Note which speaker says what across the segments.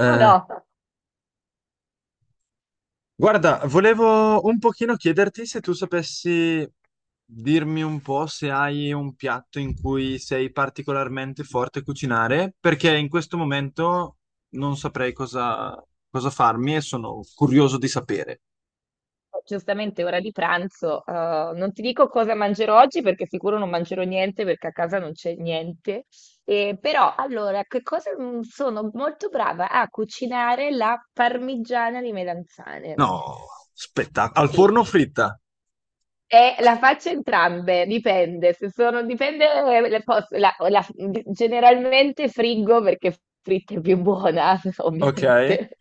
Speaker 1: Ma no,
Speaker 2: Guarda, volevo un pochino chiederti se tu sapessi dirmi un po' se hai un piatto in cui sei particolarmente forte a cucinare, perché in questo momento non saprei cosa farmi e sono curioso di sapere.
Speaker 1: giustamente ora di pranzo. Non ti dico cosa mangerò oggi perché sicuro non mangerò niente perché a casa non c'è niente. Però allora, che cosa sono molto brava a cucinare la parmigiana di melanzane.
Speaker 2: No, spettacolo. Al
Speaker 1: Sì.
Speaker 2: forno fritta,
Speaker 1: E la faccio entrambe, dipende, se sono, dipende, le posso- la- la- generalmente friggo perché fritta è più buona,
Speaker 2: ok?
Speaker 1: ovviamente.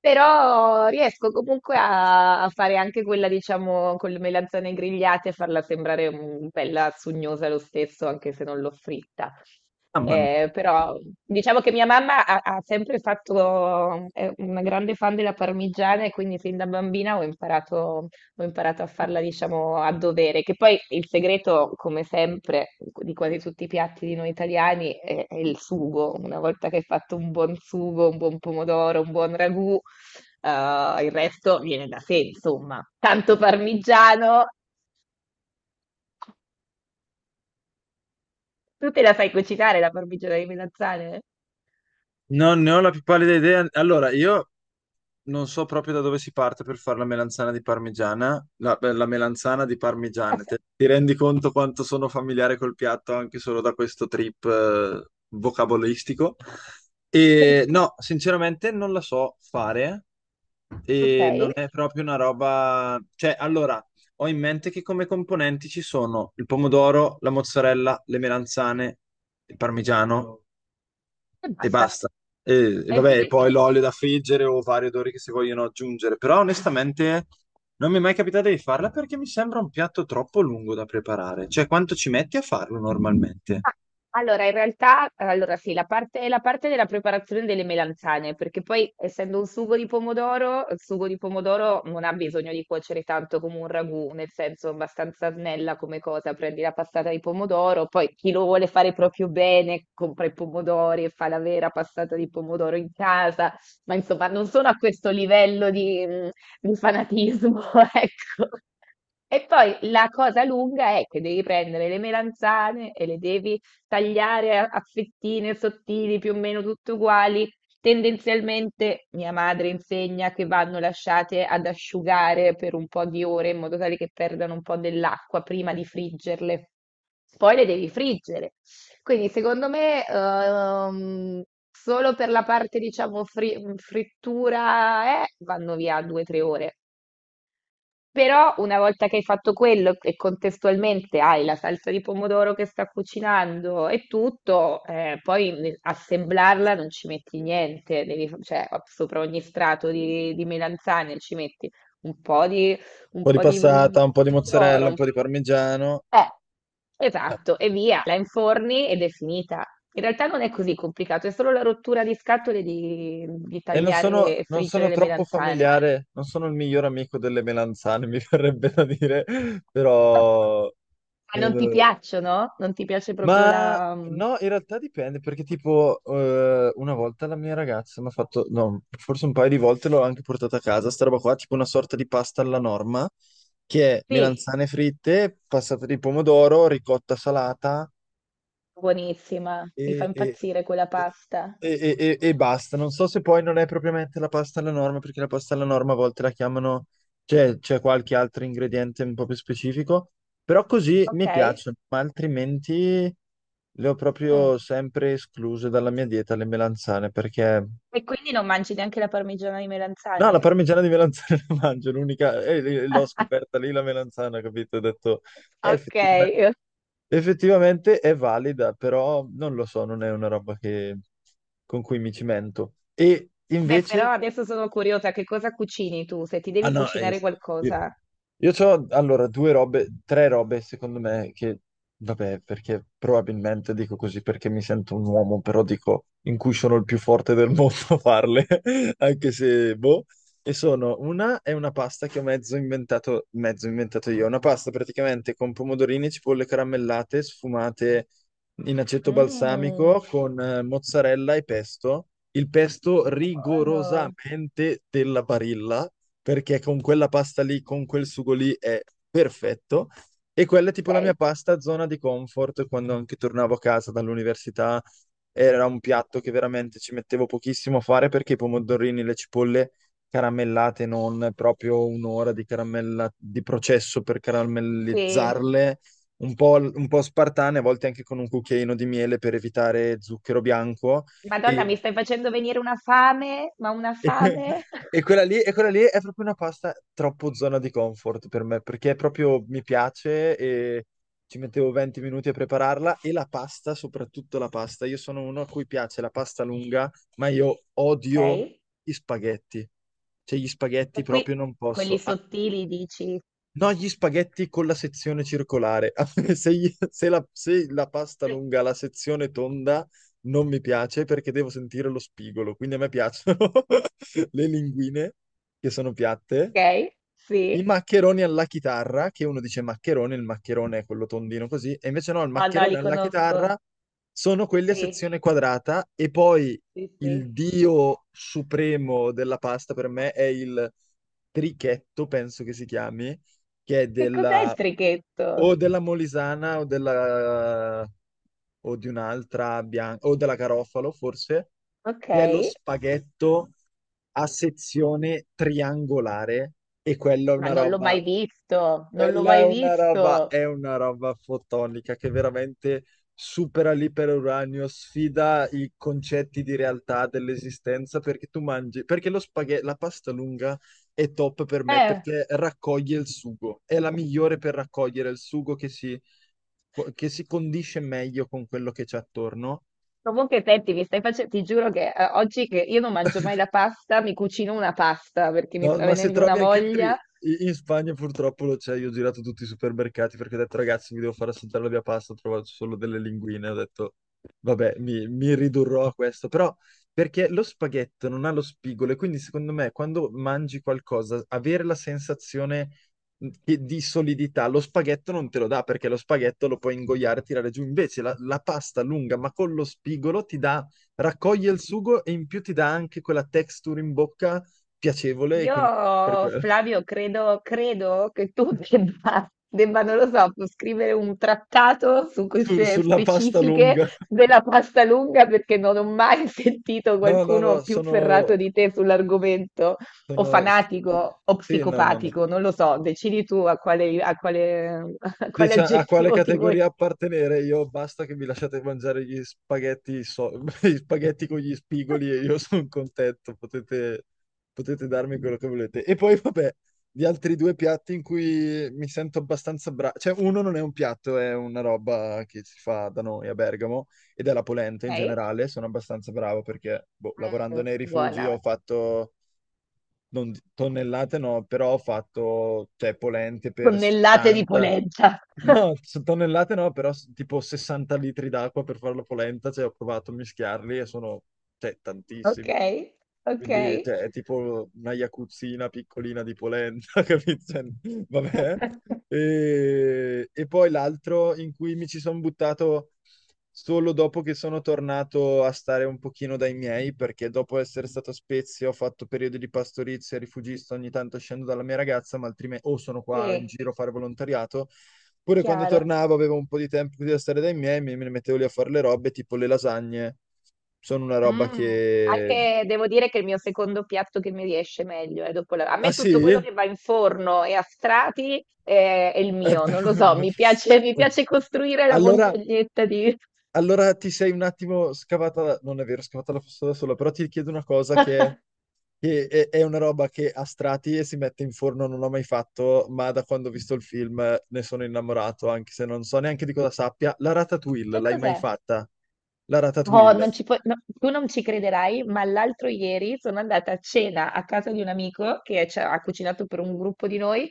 Speaker 1: Però riesco comunque a fare anche quella, diciamo, con le melanzane grigliate e farla sembrare bella sugnosa lo stesso, anche se non l'ho fritta.
Speaker 2: Ah, ma
Speaker 1: Però diciamo che mia mamma ha sempre fatto, è una grande fan della parmigiana e quindi sin da bambina ho imparato a farla, diciamo, a dovere. Che poi il segreto, come sempre, di quasi tutti i piatti di noi italiani è il sugo. Una volta che hai fatto un buon sugo, un buon pomodoro, un buon ragù. Il resto viene da sé, insomma. Tanto parmigiano. Tu te la fai cucinare la parmigiana di melanzane?
Speaker 2: non ne ho la più pallida idea. Allora, io non so proprio da dove si parte per fare la melanzana di parmigiana, la, beh, la melanzana di parmigiana. Ti rendi conto quanto sono familiare col piatto anche solo da questo trip vocabolistico? E no, sinceramente non la so fare
Speaker 1: Ok,
Speaker 2: e non
Speaker 1: e
Speaker 2: è proprio una roba. Cioè, allora, ho in mente che come componenti ci sono il pomodoro, la mozzarella, le melanzane, il parmigiano e
Speaker 1: basta.
Speaker 2: basta. E
Speaker 1: Hai
Speaker 2: vabbè, e
Speaker 1: finito.
Speaker 2: poi l'olio da friggere o vari odori che si vogliono aggiungere, però onestamente non mi è mai capitato di farla perché mi sembra un piatto troppo lungo da preparare. Cioè, quanto ci metti a farlo normalmente? Un
Speaker 1: Ah, Allora, in realtà, allora sì, la parte della preparazione delle melanzane, perché poi essendo un sugo di pomodoro, il sugo di pomodoro non ha bisogno di cuocere tanto come un ragù, nel senso abbastanza snella come cosa, prendi la passata di pomodoro, poi chi lo vuole fare proprio bene compra i pomodori e fa la vera passata di pomodoro in casa, ma insomma non sono a questo livello di fanatismo, ecco. E poi la cosa lunga è che devi prendere le melanzane e le devi tagliare a fettine sottili, più o meno tutte uguali. Tendenzialmente mia madre insegna che vanno lasciate ad asciugare per un po' di ore in modo tale che perdano un po' dell'acqua prima di friggerle. Poi le devi friggere. Quindi secondo me solo per la parte, diciamo, frittura vanno via due o tre ore. Però una volta che hai fatto quello e contestualmente hai la salsa di pomodoro che sta cucinando e tutto, poi assemblarla non ci metti niente, devi, sopra ogni strato di melanzane ci metti un po' di, un
Speaker 2: po' di
Speaker 1: po' di
Speaker 2: passata, un po' di mozzarella, un
Speaker 1: pomodoro.
Speaker 2: po' di parmigiano.
Speaker 1: Eh, esatto, e via, la inforni ed è finita. In realtà non è così complicato, è solo la rottura di scatole di
Speaker 2: E
Speaker 1: tagliare e
Speaker 2: non
Speaker 1: friggere
Speaker 2: sono
Speaker 1: le
Speaker 2: troppo
Speaker 1: melanzane.
Speaker 2: familiare, non sono il miglior amico delle melanzane, mi verrebbe da dire, però
Speaker 1: Ma non ti
Speaker 2: non-
Speaker 1: piacciono? Non ti piace proprio
Speaker 2: ma
Speaker 1: la...
Speaker 2: no, in realtà dipende perché tipo una volta la mia ragazza mi ha fatto, no, forse un paio di volte l'ho anche portata a casa, sta roba qua, tipo una sorta di pasta alla norma, che è
Speaker 1: Sì,
Speaker 2: melanzane fritte, passate di pomodoro, ricotta salata
Speaker 1: buonissima, mi fa
Speaker 2: e, e-
Speaker 1: impazzire quella pasta.
Speaker 2: e- e basta. Non so se poi non è propriamente la pasta alla norma, perché la pasta alla norma a volte la chiamano, cioè c'è qualche altro ingrediente un po' più specifico, però così
Speaker 1: Ok.
Speaker 2: mi piace, ma altrimenti le ho
Speaker 1: Mm.
Speaker 2: proprio sempre escluse dalla mia dieta le melanzane, perché.
Speaker 1: E quindi non mangi neanche la parmigiana di
Speaker 2: No, la
Speaker 1: melanzane?
Speaker 2: parmigiana di melanzane la mangio, l'unica, e l'ho scoperta lì la melanzana, capito? Ho detto,
Speaker 1: Ok.
Speaker 2: effettivamente. Effettivamente è valida, però non lo so, non è una roba che- con cui mi cimento. E
Speaker 1: Beh, però
Speaker 2: invece
Speaker 1: adesso sono curiosa, che cosa cucini tu? Se ti
Speaker 2: ah
Speaker 1: devi
Speaker 2: no,
Speaker 1: cucinare
Speaker 2: io,
Speaker 1: qualcosa.
Speaker 2: io ho allora due robe, tre robe secondo me che, vabbè, perché probabilmente dico così perché mi sento un uomo, però dico in cui sono il più forte del mondo a farle, anche se, boh. E sono una, è una pasta che ho mezzo inventato io, una pasta praticamente con pomodorini, cipolle caramellate, sfumate in aceto
Speaker 1: Mm,
Speaker 2: balsamico, con mozzarella e pesto. Il pesto
Speaker 1: buono.
Speaker 2: rigorosamente della Barilla perché con quella pasta lì, con quel sugo lì è perfetto. E quella è tipo la mia
Speaker 1: Ok.
Speaker 2: pasta zona di comfort quando anche tornavo a casa dall'università. Era un piatto che veramente ci mettevo pochissimo a fare perché i pomodorini, le cipolle caramellate, non proprio un'ora di caramella di processo per
Speaker 1: Sì.
Speaker 2: caramellizzarle, un po', un po' spartane, a volte anche con un cucchiaino di miele per evitare zucchero bianco.
Speaker 1: Madonna, mi
Speaker 2: E
Speaker 1: stai facendo venire una fame, ma una fame.
Speaker 2: e quella lì, e quella lì è proprio una pasta troppo zona di comfort per me, perché è proprio mi piace e ci mettevo 20 minuti a prepararla e la pasta, soprattutto la pasta. Io sono uno a cui piace la pasta lunga, ma io
Speaker 1: Ok.
Speaker 2: odio
Speaker 1: E
Speaker 2: gli spaghetti. Cioè, gli spaghetti
Speaker 1: qui
Speaker 2: proprio non
Speaker 1: quelli
Speaker 2: posso.
Speaker 1: sottili dici.
Speaker 2: No, gli spaghetti con la sezione circolare. Se, se la pasta
Speaker 1: Sì.
Speaker 2: lunga ha la sezione tonda non mi piace perché devo sentire lo spigolo. Quindi a me piacciono le linguine che sono piatte,
Speaker 1: Ok,
Speaker 2: i
Speaker 1: sì.
Speaker 2: maccheroni alla chitarra, che uno dice maccherone, il maccherone è quello tondino così, e invece no, il
Speaker 1: Ah no,
Speaker 2: maccherone
Speaker 1: li
Speaker 2: alla
Speaker 1: conosco.
Speaker 2: chitarra sono quelli a
Speaker 1: Sì,
Speaker 2: sezione quadrata e poi
Speaker 1: sì,
Speaker 2: il
Speaker 1: sì.
Speaker 2: dio supremo della pasta per me è il trichetto, penso che si chiami, che è
Speaker 1: Che cos'è il
Speaker 2: della
Speaker 1: trichetto?
Speaker 2: o della Molisana o di un'altra bianca o della Garofalo forse,
Speaker 1: Ok,
Speaker 2: che è lo spaghetto a sezione triangolare e
Speaker 1: ma non l'ho mai visto, non l'ho
Speaker 2: quella
Speaker 1: mai visto.
Speaker 2: è una roba fotonica che veramente supera l'iperuranio, sfida i concetti di realtà dell'esistenza perché tu mangi, perché lo spaghetto, la pasta lunga è top per me
Speaker 1: Eh.
Speaker 2: perché raccoglie il sugo, è la migliore per raccogliere il sugo che si condisce meglio con quello che c'è attorno.
Speaker 1: Comunque, senti, mi stai facendo, ti giuro che oggi che io non mangio mai la pasta, mi cucino una pasta perché mi
Speaker 2: No,
Speaker 1: sta
Speaker 2: ma se
Speaker 1: venendo una
Speaker 2: Trovi anche altri.
Speaker 1: voglia.
Speaker 2: In Spagna purtroppo lo c'è, io ho girato tutti i supermercati perché ho detto ragazzi mi devo far assaggiare la mia pasta, ho trovato solo delle linguine, ho detto vabbè mi ridurrò a questo, però perché lo spaghetto non ha lo spigolo e quindi secondo me quando mangi qualcosa avere la sensazione di solidità, lo spaghetto non te lo dà perché lo spaghetto lo puoi ingoiare e tirare giù, invece la pasta lunga ma con lo spigolo ti dà, raccoglie il sugo e in più ti dà anche quella texture in bocca piacevole e quindi per quello.
Speaker 1: Flavio, credo, credo che tu debba, debba, non lo so, scrivere un trattato su queste
Speaker 2: Sulla pasta
Speaker 1: specifiche
Speaker 2: lunga.
Speaker 1: della pasta lunga perché non ho mai sentito
Speaker 2: No, no,
Speaker 1: qualcuno
Speaker 2: no,
Speaker 1: più
Speaker 2: sono,
Speaker 1: ferrato di te sull'argomento, o
Speaker 2: Sono.
Speaker 1: fanatico o
Speaker 2: Sì, no, no, no.
Speaker 1: psicopatico, non lo so, decidi tu a quale, a quale
Speaker 2: Dice a quale
Speaker 1: aggettivo ti vuoi.
Speaker 2: categoria appartenere? Io basta che mi lasciate mangiare gli spaghetti, gli spaghetti con gli spigoli e io sono contento, potete darmi quello che volete. E poi vabbè, gli altri due piatti in cui mi sento abbastanza bravo, cioè uno non è un piatto, è una roba che si fa da noi a Bergamo ed è la polenta in
Speaker 1: Ok?
Speaker 2: generale, sono abbastanza bravo perché boh, lavorando
Speaker 1: Mm,
Speaker 2: nei rifugi
Speaker 1: buona.
Speaker 2: ho fatto, non di- tonnellate no, però ho fatto cioè, polente per
Speaker 1: Tonnellate di
Speaker 2: 60.
Speaker 1: polenta.
Speaker 2: No, su tonnellate no, però tipo 60 litri d'acqua per fare la polenta, cioè ho provato a mischiarli e sono, cioè,
Speaker 1: Ok,
Speaker 2: tantissimi.
Speaker 1: ok.
Speaker 2: Quindi, cioè, è tipo una jacuzzina piccolina di polenta, capito? Cioè, vabbè. E poi l'altro in cui mi ci sono buttato solo dopo che sono tornato a stare un pochino dai miei, perché dopo essere stato a Spezia ho fatto periodi di pastorizia, rifugista, ogni tanto scendo dalla mia ragazza, ma altrimenti o sono qua in
Speaker 1: Sì,
Speaker 2: giro a fare volontariato. Pure quando
Speaker 1: chiaro.
Speaker 2: tornavo avevo un po' di tempo da stare dai miei, mi me ne mettevo lì a fare le robe, tipo le lasagne. Sono una roba
Speaker 1: Mh.
Speaker 2: che.
Speaker 1: Anche devo dire che il mio secondo piatto che mi riesce meglio, dopo la a
Speaker 2: Ah
Speaker 1: me
Speaker 2: sì?
Speaker 1: tutto quello che va in forno e a strati, è il
Speaker 2: Eh,
Speaker 1: mio,
Speaker 2: per-
Speaker 1: non lo so, mi piace costruire la
Speaker 2: Allora,
Speaker 1: montagnetta di
Speaker 2: allora ti sei un attimo scavata, non è vero, scavata la fossa da sola, però ti chiedo una cosa che è una roba che a strati e si mette in forno, non l'ho mai fatto, ma da quando ho visto il film ne sono innamorato, anche se non so neanche di cosa sappia. La ratatouille,
Speaker 1: che
Speaker 2: l'hai mai
Speaker 1: cos'è?
Speaker 2: fatta? La
Speaker 1: Oh,
Speaker 2: ratatouille.
Speaker 1: non ci puoi- no, tu non ci crederai, ma l'altro ieri sono andata a cena a casa di un amico che ci ha cucinato per un gruppo di noi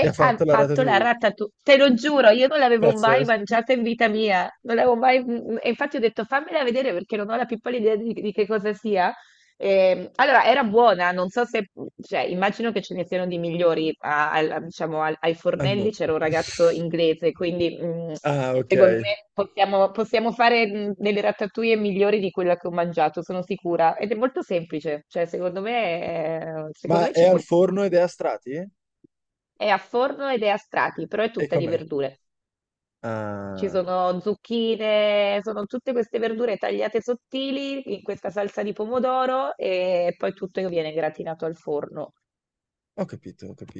Speaker 2: E ha fatto
Speaker 1: ha
Speaker 2: la
Speaker 1: fatto la
Speaker 2: ratatouille.
Speaker 1: ratatouille. Te lo giuro, io non l'avevo mai
Speaker 2: Pazzesco.
Speaker 1: mangiata in vita mia, non l'avevo mai... E infatti ho detto fammela vedere perché non ho la pippola idea di che cosa sia. Allora, era buona, non so se... cioè, immagino che ce ne siano di migliori, diciamo, ai
Speaker 2: Al mo-
Speaker 1: fornelli c'era un ragazzo inglese, quindi...
Speaker 2: Ah, ok.
Speaker 1: Secondo me possiamo, possiamo fare delle ratatouille migliori di quella che ho mangiato, sono sicura. Ed è molto semplice, cioè secondo
Speaker 2: Ma
Speaker 1: me
Speaker 2: è
Speaker 1: ci
Speaker 2: al
Speaker 1: puoi fare.
Speaker 2: forno ed è a strati?
Speaker 1: È a forno ed è a strati, però è
Speaker 2: E
Speaker 1: tutta di
Speaker 2: com'è?
Speaker 1: verdure. Ci
Speaker 2: Ah,
Speaker 1: sono zucchine, sono tutte queste verdure tagliate sottili in questa salsa di pomodoro e poi tutto viene gratinato al forno.
Speaker 2: ho capito, ho capito.